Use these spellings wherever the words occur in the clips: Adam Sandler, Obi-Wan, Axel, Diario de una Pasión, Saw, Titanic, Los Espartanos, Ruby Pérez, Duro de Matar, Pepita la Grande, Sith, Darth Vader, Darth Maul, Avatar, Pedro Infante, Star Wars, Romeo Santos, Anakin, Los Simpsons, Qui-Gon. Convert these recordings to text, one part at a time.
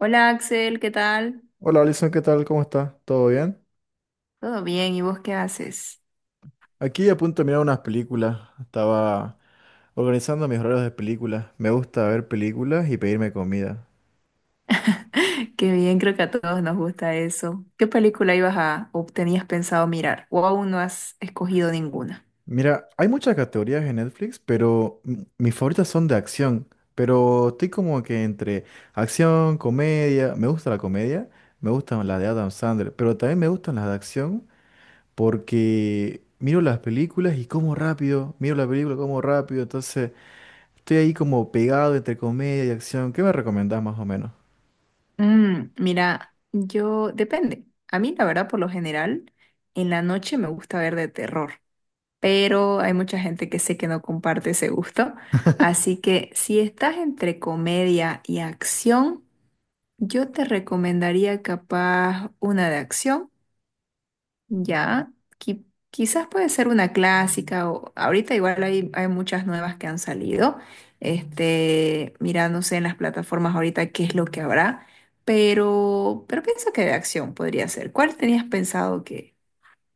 Hola Axel, ¿qué tal? Hola Alison, ¿qué tal? ¿Cómo estás? ¿Todo bien? ¿Todo bien? ¿Y vos qué haces? Aquí a punto de mirar unas películas. Estaba organizando mis horarios de películas. Me gusta ver películas y pedirme comida. Qué bien, creo que a todos nos gusta eso. ¿Qué película ibas a o tenías pensado mirar? ¿O aún no has escogido ninguna? Mira, hay muchas categorías en Netflix, pero mis favoritas son de acción. Pero estoy como que entre acción, comedia. Me gusta la comedia, me gustan las de Adam Sandler, pero también me gustan las de acción porque miro las películas y como rápido, miro la película como rápido, entonces. Estoy ahí como pegado entre comedia y acción. ¿Qué me recomendás más o menos? Mira, yo depende. A mí, la verdad, por lo general, en la noche me gusta ver de terror, pero hay mucha gente que sé que no comparte ese gusto. Así que si estás entre comedia y acción, yo te recomendaría capaz una de acción. Ya, qui- quizás puede ser una clásica o ahorita igual hay muchas nuevas que han salido. Este, mira, no sé en las plataformas ahorita qué es lo que habrá, pero pienso que de acción podría ser. ¿Cuál tenías pensado que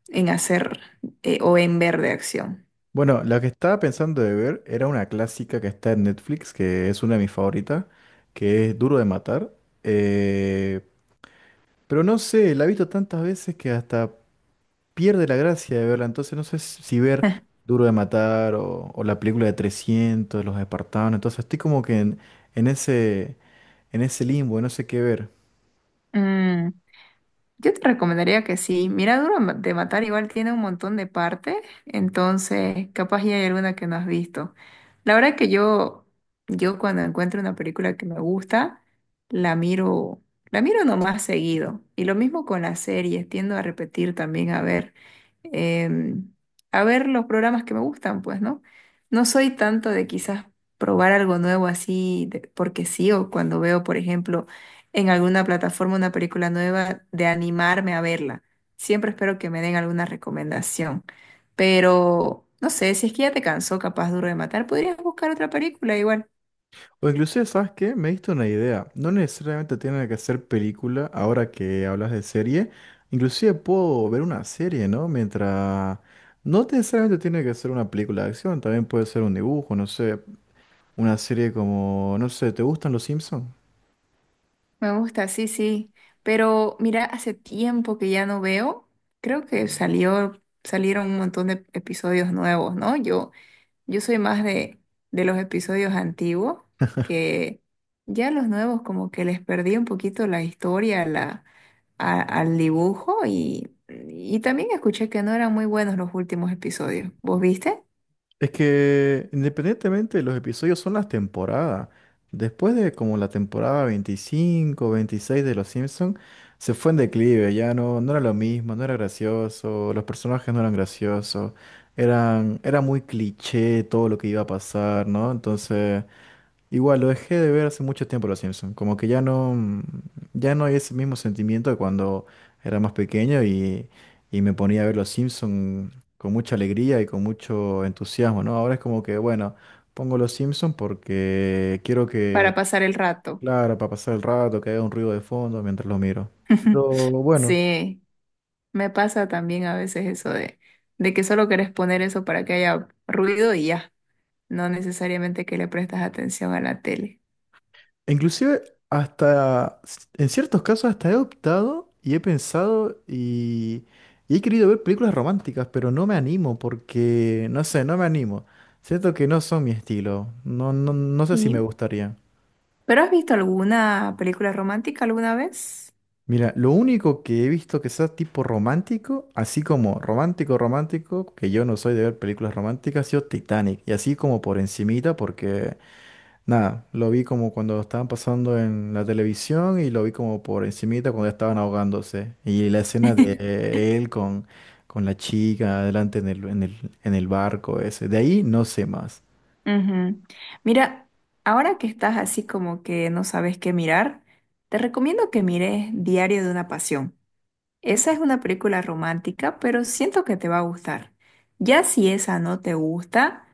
en hacer o en ver de acción? Bueno, la que estaba pensando de ver era una clásica que está en Netflix, que es una de mis favoritas, que es Duro de Matar. Eh, pero no sé, la he visto tantas veces que hasta pierde la gracia de verla. Entonces no sé si ver Duro de Matar o la película de 300, Los Espartanos. Entonces estoy como que en ese, en ese limbo, no sé qué ver. Mm. Yo te recomendaría que sí. Mira, Duro de Matar igual tiene un montón de partes, entonces capaz ya hay alguna que no has visto. La verdad que yo cuando encuentro una película que me gusta, la miro, la miro nomás seguido. Y lo mismo con las series, tiendo a repetir también em, a ver los programas que me gustan, pues, ¿no? No soy tanto de quizás probar algo nuevo así, porque sí, o cuando veo, por ejemplo, en alguna plataforma una película nueva de animarme a verla. Siempre espero que me den alguna recomendación. Pero no sé, si es que ya te cansó, capaz Duro de Matar, podrías buscar otra película igual. O inclusive, ¿sabes qué? Me diste una idea. No necesariamente tiene que ser película, ahora que hablas de serie. Inclusive puedo ver una serie, ¿no? Mientras, no necesariamente tiene que ser una película de acción, también puede ser un dibujo, no sé. Una serie como, no sé, ¿te gustan los Simpsons? Me gusta, sí, sí. Pero mira, hace tiempo que ya no veo. Creo que salió, salieron un montón de episodios nuevos, ¿no? Yo soy más de los episodios antiguos, que ya los nuevos como que les perdí un poquito la historia, al dibujo y también escuché que no eran muy buenos los últimos episodios. ¿Vos viste? Es que independientemente de los episodios son las temporadas. Después de como la temporada 25, 26 de Los Simpsons, se fue en declive, ya no, no era lo mismo, no era gracioso, los personajes no eran graciosos, eran, era muy cliché todo lo que iba a pasar, ¿no? Entonces, igual, lo dejé de ver hace mucho tiempo Los Simpson. Como que ya no, ya no hay ese mismo sentimiento de cuando era más pequeño y me ponía a ver Los Simpson con mucha alegría y con mucho entusiasmo, ¿no? Ahora es como que, bueno, pongo Los Simpson porque quiero que, Para pasar el rato. claro, para pasar el rato, que haya un ruido de fondo mientras lo miro. Pero bueno. Sí, me pasa también a veces eso de que solo querés poner eso para que haya ruido y ya, no necesariamente que le prestas atención a la tele. Inclusive hasta, en ciertos casos hasta he optado y he pensado y he querido ver películas románticas, pero no me animo porque, no sé, no me animo. Siento que no son mi estilo. No, no, no sé si me Sí. gustaría. ¿Pero has visto alguna película romántica alguna vez? Mira, lo único que he visto que sea tipo romántico, así como romántico, romántico, que yo no soy de ver películas románticas, ha sido Titanic. Y así como por encimita, porque nada, lo vi como cuando estaban pasando en la televisión y lo vi como por encimita cuando estaban ahogándose. Y la escena de él con la chica adelante en el, en el, en el barco ese. De ahí no sé más. Ujú. Mira, ahora que estás así como que no sabes qué mirar, te recomiendo que mires Diario de una Pasión. Esa es una película romántica, pero siento que te va a gustar. Ya si esa no te gusta,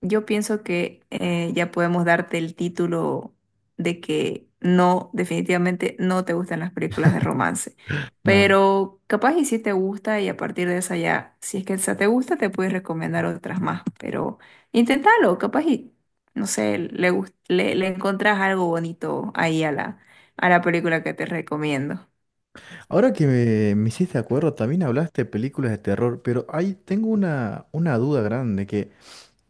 yo pienso que ya podemos darte el título de que no, definitivamente no te gustan las películas de romance. Nada. Pero capaz y si te gusta y a partir de esa ya, si es que esa te gusta, te puedes recomendar otras más. Pero inténtalo, capaz y, no sé, le encontrás algo bonito ahí a la película que te recomiendo. Ahora que me hiciste acuerdo, también hablaste de películas de terror, pero ahí tengo una duda grande que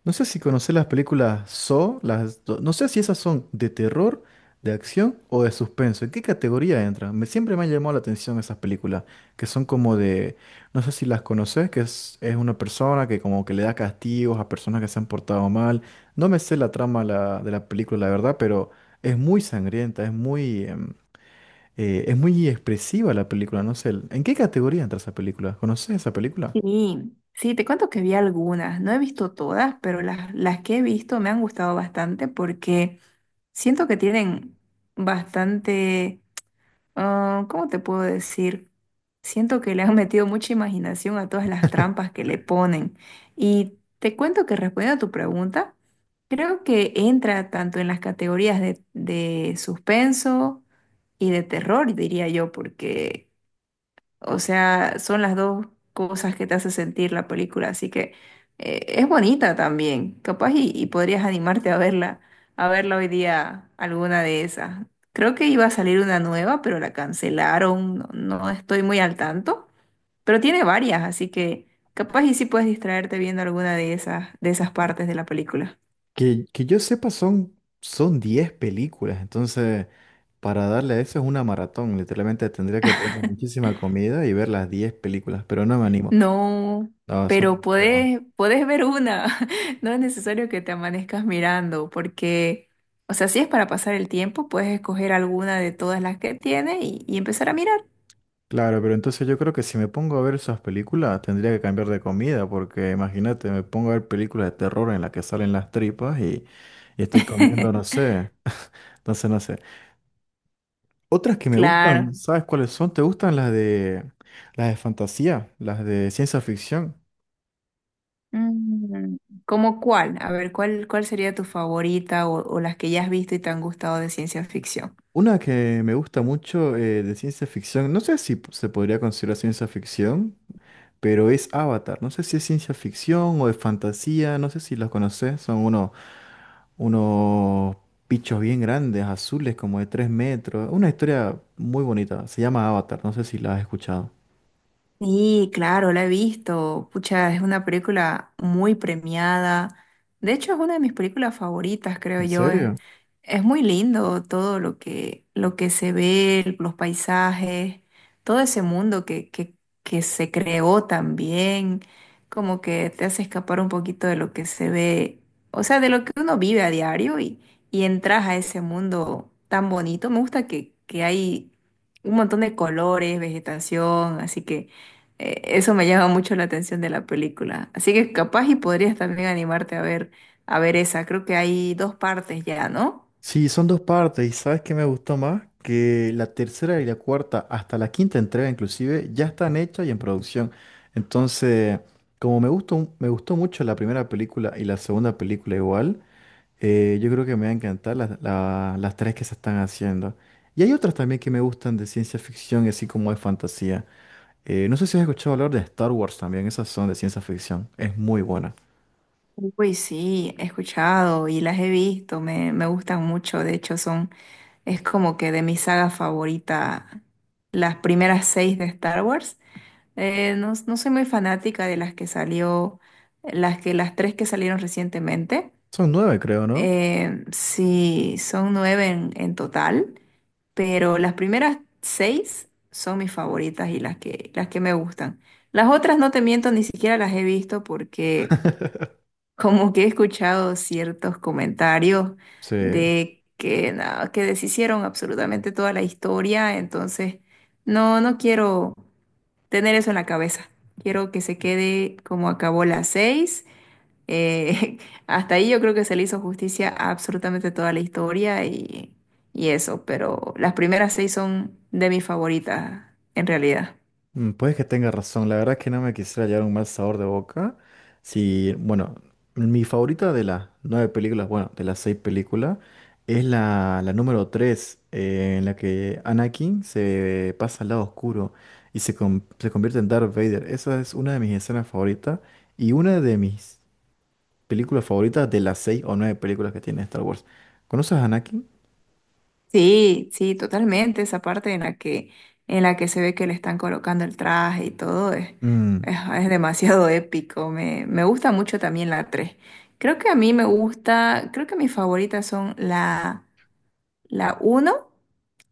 no sé si conocés las películas Saw, las, no sé si esas son de terror, de acción o de suspenso. ¿En qué categoría entran? Me, siempre me han llamado la atención esas películas, que son como de, no sé si las conocés, que es una persona que como que le da castigos a personas que se han portado mal. No me sé la trama de la película, la verdad, pero es muy sangrienta, es muy, es muy expresiva la película, no sé. ¿En qué categoría entra esa película? ¿Conocés esa película? Sí, sí, te cuento que vi algunas, no he visto todas, pero las que he visto me han gustado bastante porque siento que tienen bastante, ¿cómo te puedo decir? Siento que le han metido mucha imaginación a todas las trampas que le ponen. Y te cuento que respondiendo a tu pregunta, creo que entra tanto en las categorías de suspenso y de terror, diría yo, porque. O sea, son las dos cosas que te hace sentir la película, así que es bonita también, capaz y podrías animarte a verla hoy día alguna de esas. Creo que iba a salir una nueva, pero la cancelaron, no, no estoy muy al tanto, pero tiene varias, así que capaz y sí puedes distraerte viendo alguna de esas partes de la película. Que yo sepa, son, son 10 películas, entonces para darle a eso es una maratón, literalmente tendría que pedir muchísima comida y ver las 10 películas, pero no me animo. No, No, son pero demasiadas. puedes ver una. No es necesario que te amanezcas mirando, porque, o sea, si es para pasar el tiempo, puedes escoger alguna de todas las que tiene y empezar a mirar. Claro, pero entonces yo creo que si me pongo a ver esas películas tendría que cambiar de comida, porque imagínate, me pongo a ver películas de terror en las que salen las tripas y estoy comiendo, no sé, entonces no sé. Otras que me gustan, Claro. ¿sabes cuáles son? ¿Te gustan las de fantasía, las de ciencia ficción? Mm, ¿Cómo cuál? A ver, ¿cuál sería tu favorita o las que ya has visto y te han gustado de ciencia ficción? Una que me gusta mucho de ciencia ficción, no sé si se podría considerar ciencia ficción, pero es Avatar. No sé si es ciencia ficción o de fantasía, no sé si los conoces. Son unos, unos bichos bien grandes, azules, como de 3 metros. Una historia muy bonita. Se llama Avatar, no sé si la has escuchado. Sí, claro, la he visto. Pucha, es una película muy premiada. De hecho, es una de mis películas favoritas, creo ¿En yo. Es, serio? es muy lindo todo lo que, se ve, los paisajes, todo ese mundo que se creó también, como que te hace escapar un poquito de lo que se ve, o sea, de lo que uno vive a diario y entras a ese mundo tan bonito. Me gusta que hay un montón de colores, vegetación, así que. Eso me llama mucho la atención de la película. Así que capaz y podrías también animarte a ver esa. Creo que hay dos partes ya, ¿no? Sí, son dos partes y ¿sabes qué me gustó más? Que la tercera y la cuarta, hasta la quinta entrega inclusive, ya están hechas y en producción. Entonces, como me gustó, me gustó mucho la primera película y la segunda película igual, yo creo que me va a encantar las las tres que se están haciendo. Y hay otras también que me gustan de ciencia ficción y así como de fantasía. No sé si has escuchado hablar de Star Wars también, esas son de ciencia ficción. Es muy buena. Uy, sí, he escuchado y las he visto, me gustan mucho. De hecho, son, es como que de mi saga favorita, las primeras seis de Star Wars. No, no soy muy fanática de las que salió, las que, las tres que salieron recientemente. Son nueve, creo, ¿no? Sí, son nueve en total, pero las primeras seis son mis favoritas y las que me gustan. Las otras no te miento, ni siquiera las he visto porque como que he escuchado ciertos comentarios Sí. de que, nada, que deshicieron absolutamente toda la historia, entonces no, no quiero tener eso en la cabeza. Quiero que se quede como acabó las seis, eh, hasta ahí yo creo que se le hizo justicia a absolutamente toda la historia y eso, pero las primeras seis son de mis favoritas, en realidad. Mm, puede que tenga razón, la verdad es que no me quisiera llevar un mal sabor de boca. Si, bueno, mi favorita de las nueve películas, bueno, de las seis películas, es la, la número tres, en la que Anakin se pasa al lado oscuro y se, se convierte en Darth Vader. Esa es una de mis escenas favoritas y una de mis películas favoritas de las seis o nueve películas que tiene Star Wars. ¿Conoces a Anakin? Sí, sí, totalmente. Esa parte en la que, se ve que le están colocando el traje y todo es, Mm. es demasiado épico. Me gusta mucho también la tres. Creo que a mí me gusta, creo que mis favoritas son la uno,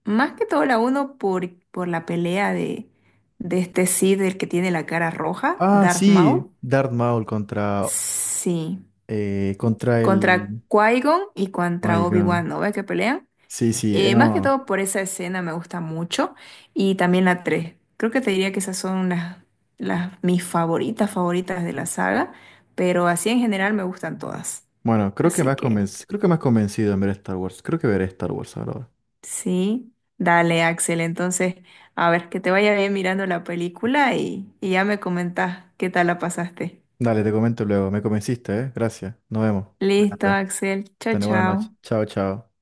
más que todo la uno por la pelea de este Sith, el que tiene la cara roja, Ah, Darth sí, Maul. Darth Maul contra, Sí, contra contra el. Qui-Gon y Oh contra My God. Obi-Wan, ¿no? ¿Ves que pelean? Sí, sí, Más que no. todo por esa escena me gusta mucho. Y también la tres. Creo que te diría que esas son las mis favoritas, favoritas de la saga. Pero así en general me gustan todas. Bueno, creo que me Así has que. Creo que me has convencido en ver Star Wars. Creo que veré Star Wars ahora. Sí, dale, Axel. Entonces, a ver, que te vaya bien mirando la película y ya me comentas qué tal la pasaste. Dale, te comento luego. Me convenciste, ¿eh? Gracias. Nos vemos. Listo, Cuídate. Axel. Chao, Ten buenas noches. chao. Chao, chao.